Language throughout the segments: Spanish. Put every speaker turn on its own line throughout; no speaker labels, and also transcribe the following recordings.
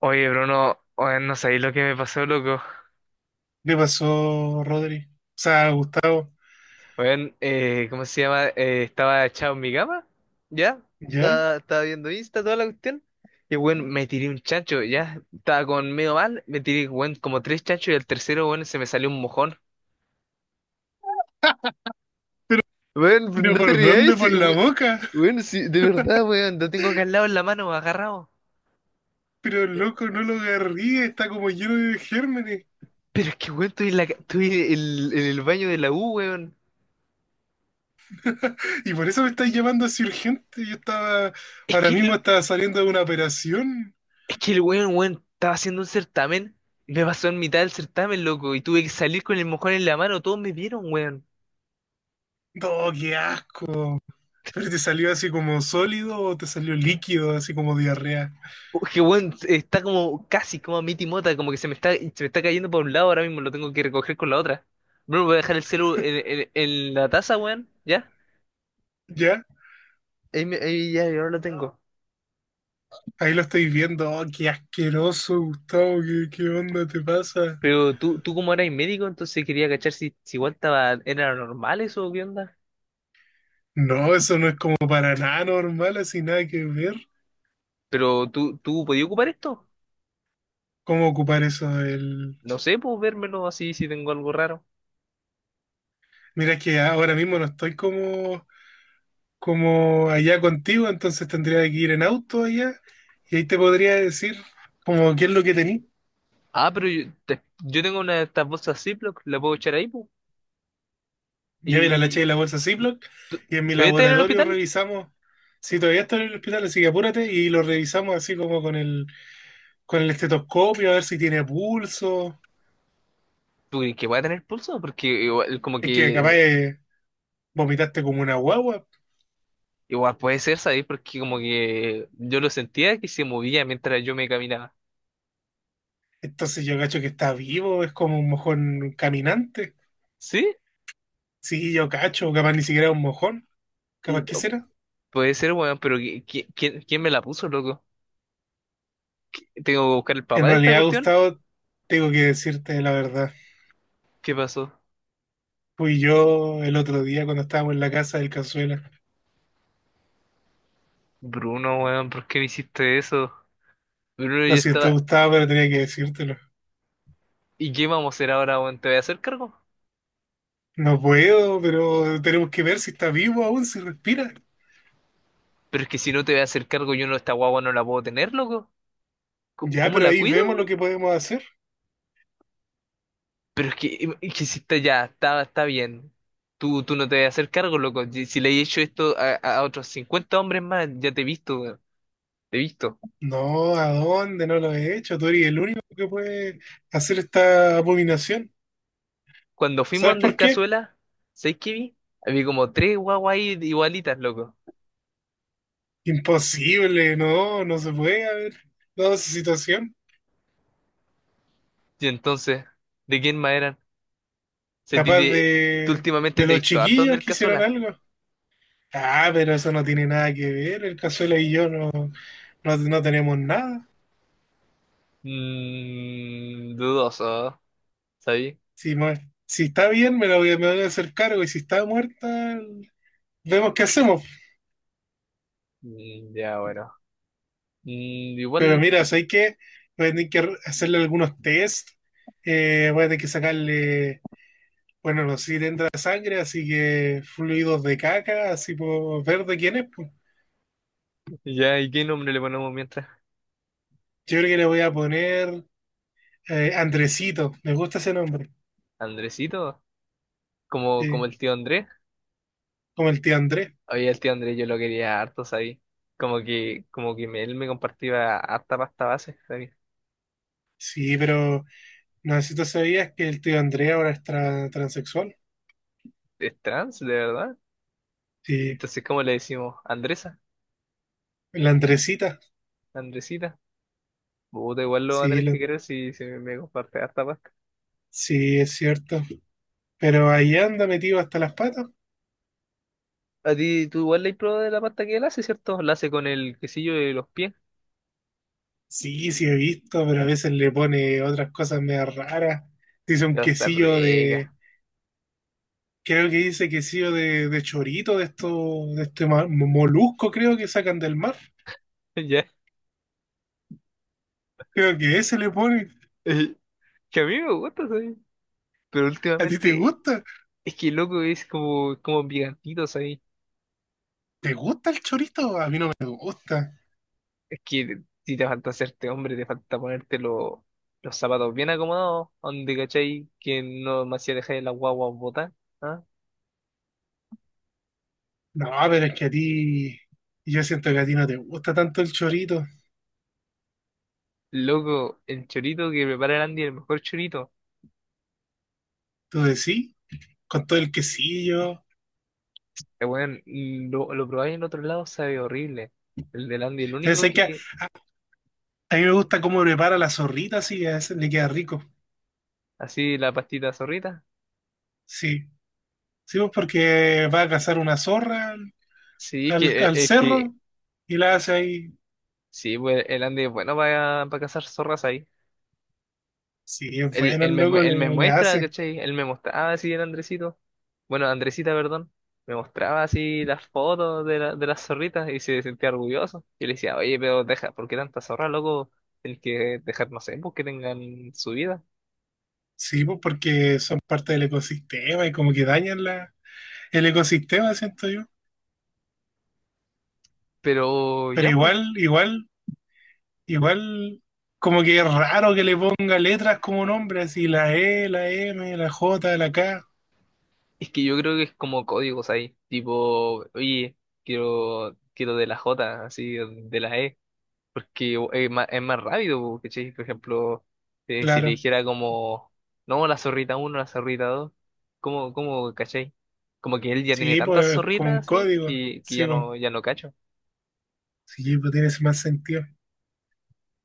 Oye, Bruno, oye, no sabéis lo que me pasó, loco.
¿Le pasó Rodri? O sea, Gustavo.
Oye, ¿cómo se llama? Estaba echado en mi cama, ¿ya?
¿Ya?
Estaba viendo Insta, toda la cuestión. Y, bueno, me tiré un chancho, ¿ya? Estaba con medio mal, me tiré, bueno, como tres chanchos y el tercero, bueno, se me salió un mojón. Bueno,
¿Pero
no te
por
rías,
dónde? ¿Por
sí,
la boca?
weón, sí, de verdad, weón, lo tengo acá al lado en la mano, agarrado.
Pero loco no lo agarrí, está como lleno de gérmenes.
Pero es que, weón, estoy en, estoy en el baño de la U, weón.
Y por eso me estáis llamando así urgente. Yo estaba,
Es
ahora
que
mismo estaba saliendo de una operación.
Es que el weón, weón, estaba haciendo un certamen, me pasó en mitad del certamen, loco, y tuve que salir con el mojón en la mano, todos me vieron, weón.
¡Oh, qué asco! ¿Pero te salió así como sólido o te salió líquido, así como diarrea?
Oh, que weón, está como casi como a mi timota, como que se me está cayendo por un lado, ahora mismo lo tengo que recoger con la otra. Bruno, voy a dejar el celu en, en la taza, weón, ¿ya?
¿Ya?
Ahí, ahí ya, yo ahora lo tengo.
Ahí lo estoy viendo. ¡Oh, qué asqueroso, Gustavo! ¿Qué, qué onda te pasa?
Pero tú como eras médico, entonces quería cachar si, si igual estaba, era normal eso, o ¿qué onda?
No, eso no es como para nada normal, así nada que ver.
Pero tú podías ocupar esto.
Cómo ocupar eso. El...
No sé, puedo vérmelo así si tengo algo raro.
Mira, es que ahora mismo no estoy como, como allá contigo, entonces tendría que ir en auto allá y ahí te podría decir como qué es lo que tení.
Ah, pero yo, yo tengo una de estas bolsas Ziploc, la puedo echar ahí, pu. ¿Y
Ya mira, la eché de la bolsa Ziploc y en mi
te voy a tener en el
laboratorio
hospital?
revisamos. Si todavía está en el hospital, así que apúrate y lo revisamos así como con el estetoscopio, a ver si tiene pulso.
¿Tú crees que voy a tener pulso? Porque igual, como
Es que
que,
capaz vomitaste como una guagua.
igual puede ser, ¿sabes? Porque como que yo lo sentía que se movía mientras yo me caminaba.
Entonces yo cacho que está vivo, es como un mojón caminante.
¿Sí?
Sí, yo cacho, capaz ni siquiera un mojón, capaz
Y-
que será.
Puede ser, weón, pero ¿quién, quién me la puso, loco? ¿Tengo que buscar el
En
papá de esta
realidad,
cuestión?
Gustavo, tengo que decirte la verdad.
¿Qué pasó?
Fui yo el otro día cuando estábamos en la casa del Cazuela.
Bruno, weón, ¿por qué me hiciste eso? Bruno,
Lo
yo
siento,
estaba…
Gustavo, pero tenía que decírtelo.
¿Y qué vamos a hacer ahora, weón? ¿Te voy a hacer cargo?
No puedo, pero tenemos que ver si está vivo aún, si respira.
Pero es que si no te voy a hacer cargo, yo no, esta guagua no la puedo tener, loco. ¿Cómo
Ya,
cómo
pero
la
ahí
cuido,
vemos lo
güey?
que podemos hacer.
Pero es que si está ya, está bien. Tú no te vas a hacer cargo, loco. Si le he hecho esto a otros cincuenta hombres más, ya te he visto, weón. Te he visto.
No, ¿a dónde? No lo he hecho. Tú eres el único que puede hacer esta abominación.
Cuando fuimos
¿Sabes
donde el
por qué?
Cazuela, ¿sabes qué vi? Había como tres guaguas ahí igualitas, loco.
Imposible, no, no se puede haber dado esa situación.
Y entonces, ¿de quién más eran? Se ti
Capaz
de- ¿Tú últimamente
de
te he
los
visto harto donde
chiquillos
el
que hicieron
Cazuela?
algo. Ah, pero eso no tiene nada que ver. El Cazuela y yo no, no, no tenemos nada.
Mmm, dudoso, ¿sabes?
Si, mo- si está bien, me lo voy, me voy a hacer cargo. Y si está muerta, vemos qué hacemos.
Mm, ya, bueno. Mm,
Pero
igual,
mira, o sea, hay que, voy a tener que hacerle algunos test. Voy a tener que sacarle, bueno, no sé si le entra sangre, así que fluidos de caca, así por ver de quién es, pues.
ya, ¿y qué nombre le ponemos mientras?
Yo creo que le voy a poner Andresito. Me gusta ese nombre.
¿Andresito? Como, como
Sí,
el tío Andrés.
como el tío Andrés.
Oye, el tío Andrés yo lo quería harto, ¿sabes? Como que, él me compartía harta pasta base, ¿sabes?
Sí, pero no sé si tú sabías que el tío Andrés ahora es transexual.
Es trans, de verdad.
Sí,
Entonces, ¿cómo le decimos? Andresa,
la Andresita.
Andresita. Puta, igual lo va a
Sí,
tener que
la-
querer si, si me comparte harta pasta.
sí, es cierto. Pero ahí anda metido hasta las patas.
A ti, tú igual le has probado de la pasta que él hace, ¿cierto? La hace con el quesillo de los pies.
Sí, sí he visto, pero a veces le pone otras cosas medio raras. Dice un
Pero está
quesillo de,
rica.
creo que dice quesillo de chorito, de esto, de este molusco, creo que sacan del mar.
Ya.
Creo que ese le pone.
Eh, Que a mí me gusta, ¿sabes? Pero
¿A ti te
últimamente,
gusta?
es que loco es como, como picantito, ¿sabes?
¿Te gusta el chorito? A mí no me gusta.
Es que si te falta hacerte hombre, te falta ponerte los zapatos bien acomodados, donde cachai que no me hacía dejar la guagua botar. ¿Ah?
No, pero es que a ti, yo siento que a ti no te gusta tanto el chorito.
Loco, el chorito que prepara el Andy, el mejor chorito.
¿Tú decís? Sí, con todo el quesillo.
Weón, lo probáis en otro lado, sabe horrible. El del Andy, el
Pero
único
sé que a,
que,
a mí me gusta cómo prepara la zorrita, así que a veces le queda rico.
así la pastita zorrita.
Sí. Sí, pues porque va a cazar una zorra
Sí, es
al,
que,
al
es que,
cerro y la hace ahí.
sí, pues el Andy es bueno para cazar zorras ahí.
Sí, es
Él,
bueno el loco,
él me
le
muestra,
hace.
¿cachai? Él me mostraba así el Andresito. Bueno, Andresita, perdón. Me mostraba así las fotos de, de las zorritas y se sentía orgulloso. Y le decía, oye, pero deja, ¿por qué tanta zorra, loco? El que dejar, no sé, pues que tengan su vida.
Sí, pues porque son parte del ecosistema y como que dañan la, el ecosistema, siento yo.
Pero
Pero
ya, pues,
igual, como que es raro que le ponga letras como nombre, así la E, la M, la J, la K.
es que yo creo que es como códigos ahí. Tipo, oye, quiero de la J, así, de la E. Porque es más rápido, po, ¿cachai? Por ejemplo, si le
Claro.
dijera como, no, la zorrita uno, la zorrita dos, ¿cómo, cómo, cachai? Como que él ya tiene
Sí,
tantas
pues como
zorritas
un
así
código.
que ya no, ya no cacho.
Sí, pues tiene ese más sentido.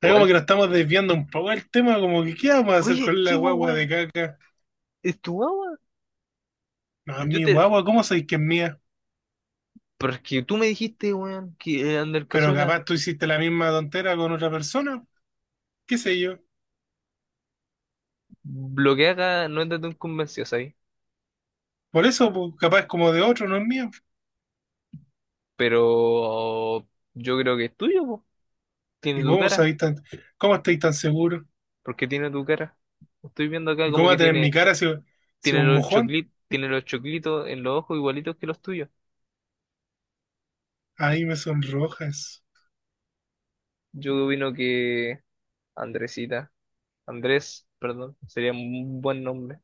Es como
Igual,
que nos estamos desviando un poco del tema, como que ¿qué vamos a hacer
oye,
con la
sí, pues,
guagua de
weón,
caca?
es tu guagua.
No, es
Yo
mi
te,
guagua, ¿cómo sabéis que es mía?
porque tú me dijiste, weón, que Ander
Pero
Cazuela,
capaz tú hiciste la misma tontera con otra persona, qué sé yo.
lo que haga no es de tu convencido, ¿sabes?
Por eso, pues, capaz es como de otro, no es mía.
Pero yo creo que es tuyo, po.
¿Y
Tiene tu
cómo
cara,
sabéis tan, cómo estáis tan seguros?
porque tiene tu cara. Estoy viendo acá
¿Y
como
cómo va a
que
tener mi
tiene.
cara si, si un mojón?
Tiene los choclitos en los ojos igualitos que los tuyos.
Ay, me sonrojas.
Yo opino que Andresita, Andrés, perdón, sería un buen nombre,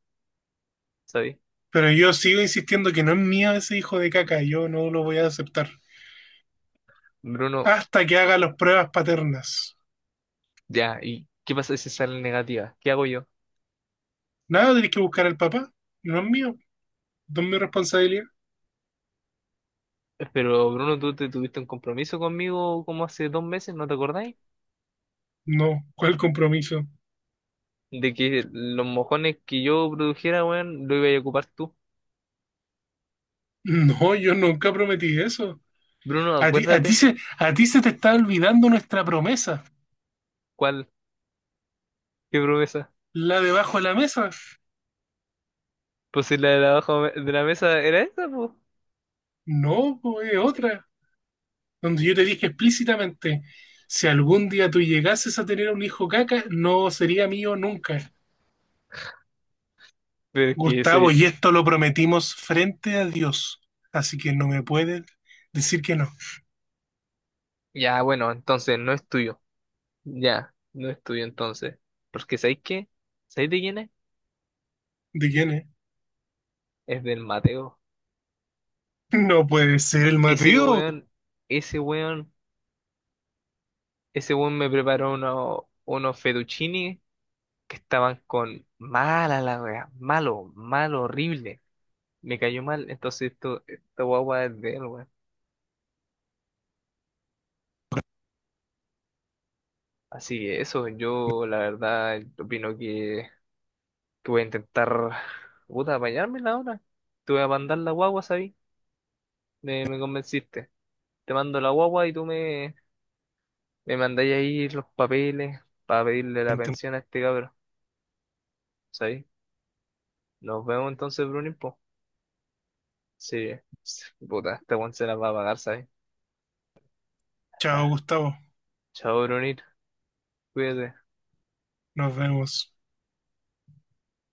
¿sabes?
Pero yo sigo insistiendo que no es mío ese hijo de caca, yo no lo voy a aceptar.
Bruno,
Hasta que haga las pruebas paternas.
ya, ¿y qué pasa si sale negativa? ¿Qué hago yo?
Nada, tenés que buscar al papá. No es mío. No es mi responsabilidad.
Pero Bruno, tú te tuviste un compromiso conmigo como hace dos meses, ¿no te acordáis?
No, ¿cuál compromiso?
De que los mojones que yo produjera, weón, lo iba a ocupar tú.
No, yo nunca prometí eso.
Bruno,
A ti, a ti
acuérdate,
se, a ti se te está olvidando nuestra promesa,
¿cuál? ¿Qué promesa?
la debajo de la mesa.
Pues si la de la abajo de la mesa era esa, pues.
No, po, es otra, donde yo te dije explícitamente, si algún día tú llegases a tener un hijo caca, no sería mío nunca.
Pero es que eso…
Gustavo, y esto lo prometimos frente a Dios, así que no me pueden decir que no.
Ya, bueno, entonces no es tuyo. Ya, no es tuyo entonces. Porque ¿sabéis qué? ¿Sabéis de quién es?
¿De quién es?
Es del Mateo.
No puede ser el
Ese
Mateo.
weón, ese weón, ese weón me preparó unos fettuccini que estaban con mala la wea, malo, malo, horrible. Me cayó mal, entonces esto, esta guagua es de él, weón. Así que eso, yo la verdad opino que voy a intentar, puta, apañármela ahora. Te voy a mandar la guagua, ¿sabí? Me convenciste. Te mando la guagua y tú me, me mandáis ahí los papeles para pedirle la pensión a este cabrón, ¿sabes? Nos vemos entonces, Brunín, po. Sí, sí, puta, este weón se la va a pagar, ¿sabes?
Chao,
Ah,
Gustavo.
chao, Brunín, cuídate.
Nos vemos.